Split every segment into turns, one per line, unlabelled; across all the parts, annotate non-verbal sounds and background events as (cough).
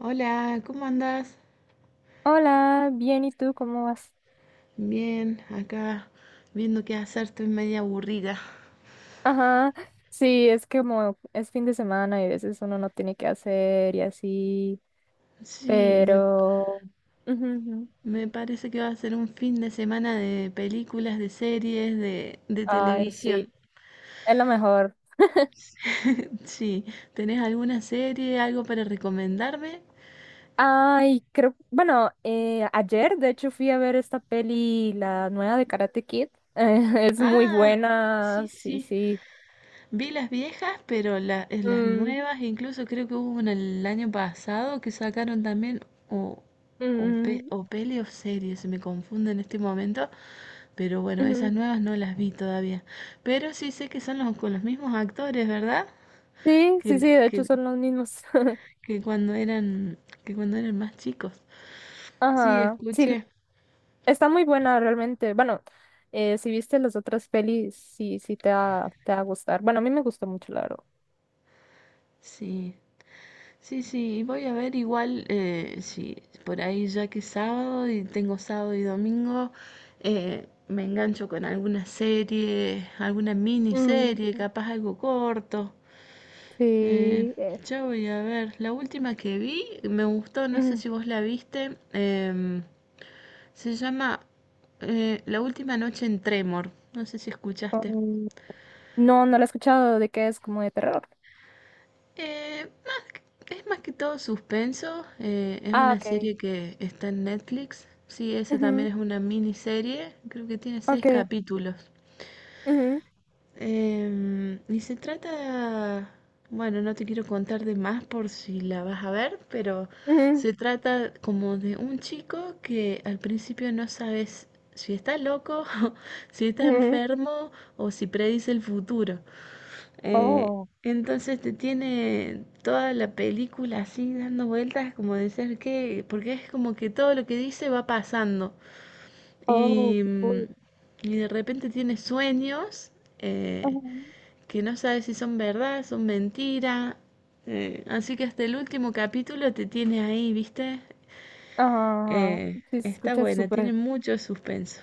Hola, ¿cómo andas?
Hola, bien, ¿y tú cómo vas?
Bien, acá viendo qué hacer, estoy media aburrida.
Ajá, sí, es que como es fin de semana y a veces uno no tiene que hacer y así,
Sí, me,
pero... Ujú, ujú.
me parece que va a ser un fin de semana de películas, de series, de
Ay, sí,
televisión.
es lo mejor.
(laughs) Sí, ¿tenés alguna serie, algo para recomendarme?
Ay, creo, bueno, ayer de hecho fui a ver esta peli, la nueva de Karate Kid. (laughs) Es muy
Ah, sí,
buena, sí,
sí.
sí.
Vi las viejas, pero las
Mm,
nuevas, incluso creo que hubo una el año pasado que sacaron también, o,
mm,
o peli o serie, se me confunde en este momento, pero bueno, esas
ujú.
nuevas no las vi todavía. Pero sí sé que son con los mismos actores, ¿verdad?
Sí,
Que,
sí, sí,
la-
de hecho
que,
son los mismos. (laughs)
que cuando eran, que cuando eran más chicos. Sí,
Ajá, sí,
escuché,
está muy buena realmente. Bueno, si viste las otras pelis, sí, sí te va a gustar. Bueno, a mí me gustó mucho, la verdad.
sí. Sí, sí, voy a ver igual si por ahí, ya que es sábado y tengo sábado y domingo, me engancho con alguna serie, alguna
Mm,
miniserie, capaz algo corto. Eh,
sí.
ya voy a ver, la última que vi me gustó, no sé
Mm,
si vos la viste. Se llama La última noche en Tremor, no sé si escuchaste.
um, no, no la he escuchado de que es como de terror.
Más Es más que todo suspenso. Es
Ah,
una
ok.
serie que está en Netflix. Sí, esa también
Ujú,
es una miniserie. Creo que tiene seis
ok.
capítulos.
Ujú,
Y se trata... Bueno, no te quiero contar de más por si la vas a ver, pero
ujú,
se trata como de un chico que al principio no sabes si está loco, (laughs) si está
ujú.
enfermo o si predice el futuro. Eh,
Oh,
entonces te tiene toda la película así dando vueltas, como de ser que, porque es como que todo lo que dice va pasando.
oh,
Y,
qué
mm,
cool.
y de repente tiene sueños eh,
Ajá,
que no sabe si son verdad, son mentira. Así que hasta el último capítulo te tiene ahí, ¿viste?
ajá, ajá. Sí, se
Está
escucha
buena, tiene
súper.
mucho suspenso.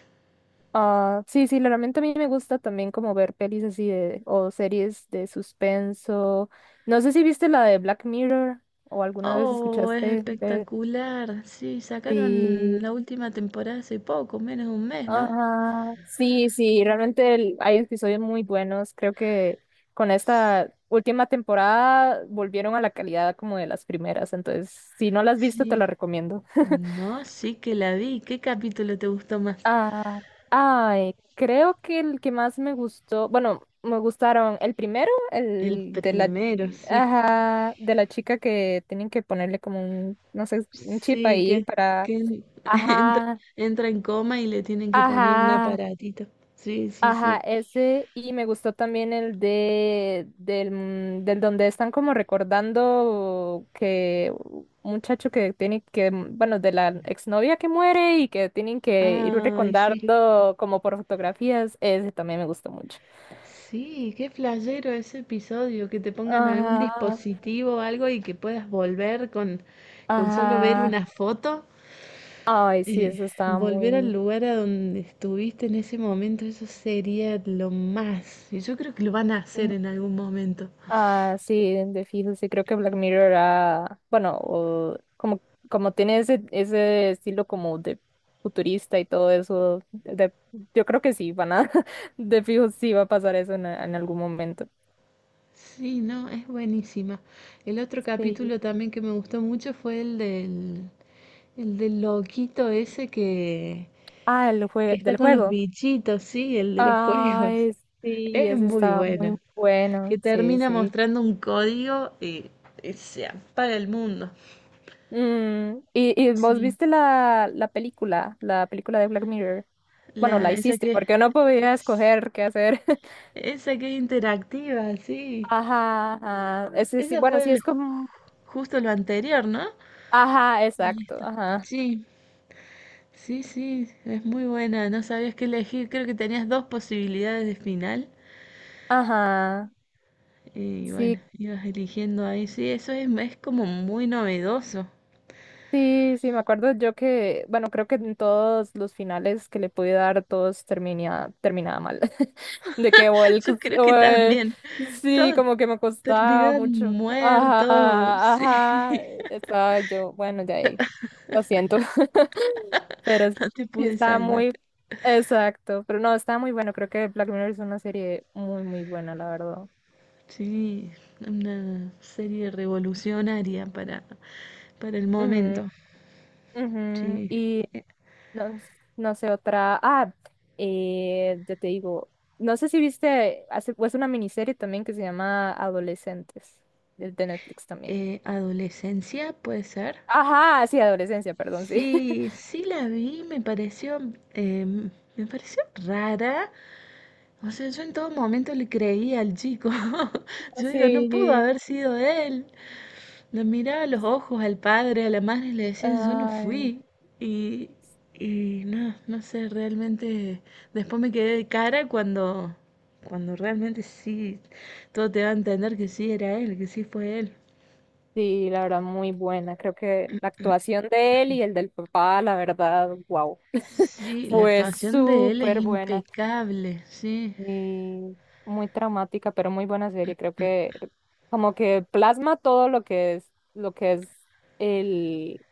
Ah, sí, sí, realmente a mí me gusta también como ver pelis así de, o series de suspenso. No sé si viste la de Black Mirror o alguna vez
Oh, es
escuchaste de...
espectacular. Sí, sacaron
Sí,
la última temporada hace poco, menos de un mes, ¿no?
ajá, sí, sí, realmente hay episodios muy buenos. Creo que con esta última temporada volvieron a la calidad como de las primeras. Entonces, si no la has visto, te
Sí.
la recomiendo. (laughs)
No, sí que la vi. ¿Qué capítulo te gustó más?
Ah, ay, creo que el que más me gustó, bueno, me gustaron el primero,
El
el de la,
primero, sí.
ajá, de la chica que tienen que ponerle como un, no sé, un chip
Sí,
ahí
que,
para,
que en- (laughs) entra,
ajá,
entra en coma y le tienen que poner un
ajá,
aparatito. Sí, sí,
ajá,
sí.
ese y me gustó también el del donde están como recordando que un muchacho que tiene que, bueno, de la exnovia que muere y que tienen que ir
Ay, sí.
recordando como por fotografías, ese también me gustó mucho.
Sí, qué flashero ese episodio, que te pongan algún
Ajá,
dispositivo o algo y que puedas volver con solo ver
ajá.
una foto.
Ay, sí,
Eh,
eso estaba
Volver al
muy...
lugar a donde estuviste en ese momento, eso sería lo más. Y yo creo que lo van a hacer en algún momento.
Ah, sí, de fijo, sí, creo que Black Mirror, bueno, o como tiene ese estilo como de futurista y todo eso, de, yo creo que sí, van a, (laughs) de fijo sí va a pasar eso en, algún momento.
Sí, no, es buenísima. El otro
Sí.
capítulo también que me gustó mucho fue el del loquito ese
Ah,
que está
del
con los
juego.
bichitos, sí, el de los juegos.
Ay, sí,
Es
ese
muy
estaba muy
buena. Que
bueno, sí,
termina
sí.
mostrando un código y se apaga el mundo.
Mm, y vos
Sí.
viste la película de Black Mirror? Bueno, la
Esa
hiciste, porque no podía escoger qué hacer.
esa que es interactiva, sí.
Ajá, ajá. Ese sí,
Ese
bueno,
fue
sí es como.
justo lo anterior, ¿no?
Ajá, exacto,
Listo.
ajá.
Sí, sí, sí, es muy buena. No sabías qué elegir. Creo que tenías dos posibilidades de final.
Ajá.
Y bueno,
Sí,
ibas eligiendo ahí. Sí, es como muy novedoso.
sí, sí, me acuerdo yo que, bueno, creo que en todos los finales que le pude dar, todos terminaba mal. (laughs) De que
(laughs) Yo creo que
o el-
también.
sí,
Todos
como que me costaba
terminaban
mucho.
muertos.
Ajá,
Sí,
ajá. Estaba yo, bueno, de ahí. Lo siento. (laughs) Pero sí
(laughs) no te pude
estaba
salvar.
muy. Exacto, pero no, está muy bueno. Creo que Black Mirror es una serie muy, muy buena, la verdad.
Sí, una serie revolucionaria para el
Ujú,
momento.
ujú.
Sí.
Y
Eh,
no, no sé, otra. Ah, ya te digo, no sé si viste, hace, es una miniserie también que se llama Adolescentes, de Netflix también.
adolescencia, puede ser.
Ajá, sí, adolescencia, perdón, sí.
Sí,
(laughs)
sí la vi, me pareció, eh, me pareció rara. O sea, yo en todo momento le creía al chico. (laughs) Yo digo, no pudo
Sí,
haber sido él. Le miraba a los ojos al padre, a la madre y le decía, yo no
ay,
fui. Y, y no, no sé, realmente después me quedé de cara cuando realmente sí, todo te va a entender que sí era él, que sí fue él.
sí, la verdad, muy buena. Creo que la actuación de él y el del papá, la verdad, wow,
Sí, la
fue
actuación de él es
súper buena.
impecable, sí,
Y muy traumática, pero muy buena serie. Creo que como que plasma todo lo que es el,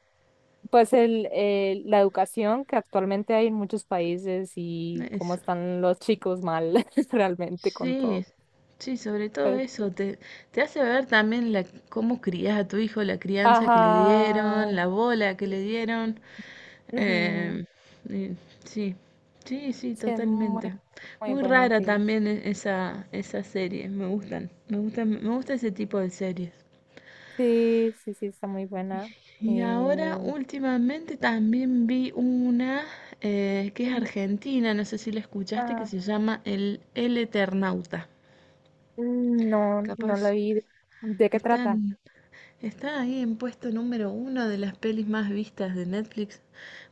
pues la educación que actualmente hay en muchos países y cómo
eso.
están los chicos mal (laughs) realmente con
Sí,
todo.
sí, sobre todo
Pues,
eso, te hace ver también la, cómo crías a tu hijo, la crianza que le dieron,
ajá.
la bola que le dieron.
Ujú,
eh, y sí, sí, sí,
sí, es muy,
totalmente.
muy
Muy
buena,
rara
sí.
también esa, esa serie, me gusta ese tipo de series.
Sí, sí, sí, está muy buena.
Y ahora
Eh,
últimamente también vi una que es
mm,
argentina, no sé si la escuchaste, que
ah,
se llama El Eternauta.
no, no la
Capaz
vi. ¿De qué trata?
están... Está ahí en puesto número uno de las pelis más vistas de Netflix.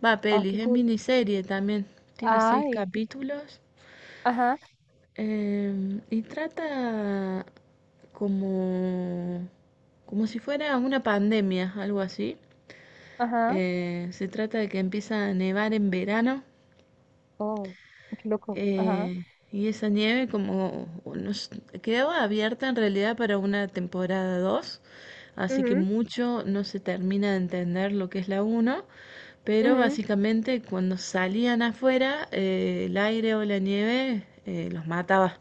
Va,
Ah,
pelis,
qué
es
cool.
miniserie también. Tiene seis
Ay,
capítulos.
ajá,
Y trata como, como si fuera una pandemia, algo así.
ajá.
Se trata de que empieza a nevar en verano.
Oh, qué loco. Ajá.
Eh, y esa nieve como o no s- quedaba abierta en realidad para una temporada dos, así que
Mhm,
mucho no se termina de entender lo que es la uno. Pero
mhm.
básicamente, cuando salían afuera, el aire o la nieve los mataba.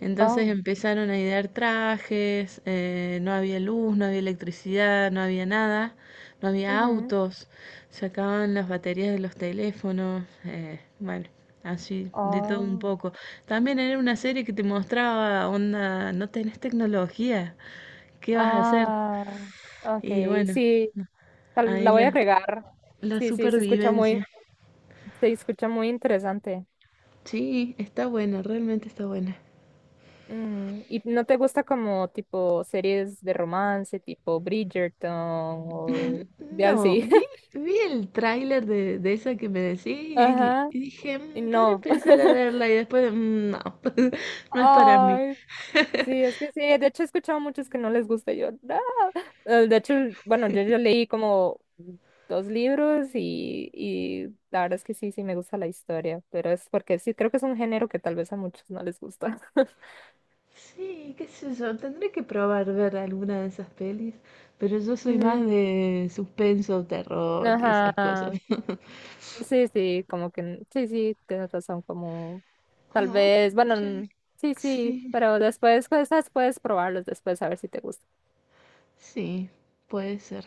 Entonces
Oh,
empezaron a idear trajes. No había luz, no había electricidad, no había nada, no había
mhm.
autos, se acababan las baterías de los teléfonos. Bueno, Así, de todo un
Oh.
poco. También era una serie que te mostraba, onda, no tenés tecnología, ¿qué vas a hacer?
Ah, ok,
Y bueno,
sí. La
ahí
voy a agregar.
la
Sí, sí,
supervivencia.
se escucha muy interesante.
Sí, está buena, realmente está buena.
Mm, ¿y no te gusta como tipo series de romance, tipo Bridgerton o de
No,
así?
vi,
(laughs)
vi el tráiler de esa que me decís
Ajá,
y dije,
y
"Mm, podré
no.
empezar a
(laughs)
verla", y después, "Mm, no, (laughs) no es para mí".
Ay, sí, es que sí, de hecho he escuchado muchos que no les gusta. Yo, "Ah". De hecho, bueno, yo leí como dos libros y la verdad es que sí, sí me gusta la historia, pero es porque sí, creo que es un género que tal vez a muchos no les gusta. (laughs)
Sí, qué sé yo, tendré que probar ver alguna de esas pelis, pero yo soy más
Ujú,
de suspenso, terror y esas
ajá,
cosas. (laughs)
sí, sí, como que, sí, sí, tienes razón, como tal
Ah.
vez, bueno,
Otra,
sí, sí,
sí.
pero después, pues, esas puedes probarlos después a ver si te gusta.
Sí, puede ser.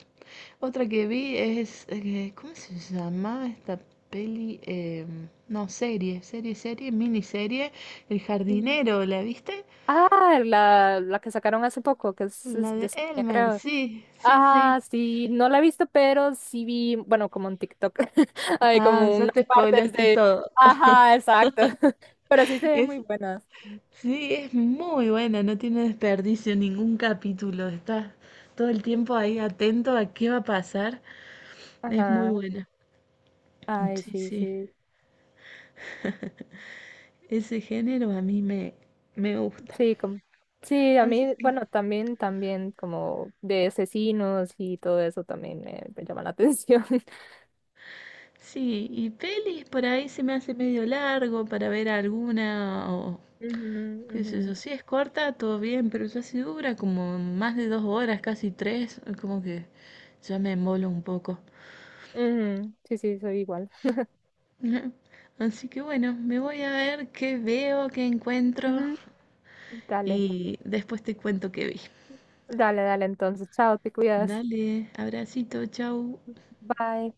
Otra que vi es, ¿cómo se llama esta peli? No, serie, serie, serie, miniserie. El
Ujú.
jardinero, ¿la viste?
Ah, la que sacaron hace poco, que
La
es de
de
España,
Elmer,
creo.
sí, sí,
Ah,
sí.
sí, no la he visto, pero sí vi, bueno, como en TikTok, (laughs) hay
Ah,
como
ya
unas
te
partes
spoilaste
de...
todo. (laughs)
Ajá, exacto. (laughs) Pero sí se ven muy
Es,
buenas.
sí, es muy buena, no tiene desperdicio ningún capítulo. Estás todo el tiempo ahí atento a qué va a pasar. Es muy
Ajá.
buena.
Ay,
Sí,
sí,
sí.
sí.
Ese género me gusta.
Sí, como... Sí, a
Así
mí,
que
bueno, también, también como de asesinos y todo eso también me llama la atención. (laughs)
sí, y pelis por ahí se me hace medio largo para ver alguna o
Ujú,
qué
ujú,
sé yo. Si es corta, todo bien, pero ya si dura como más de 2 horas, casi tres, como que ya me embolo un poco.
ujú. Sí, sí, soy igual.
(laughs) Ujú. Así que bueno, me voy a ver qué veo, qué encuentro
Ujú. Dale,
y después te cuento qué vi.
dale, dale, entonces, chao, te cuidas.
Dale, abracito, chau.
Bye.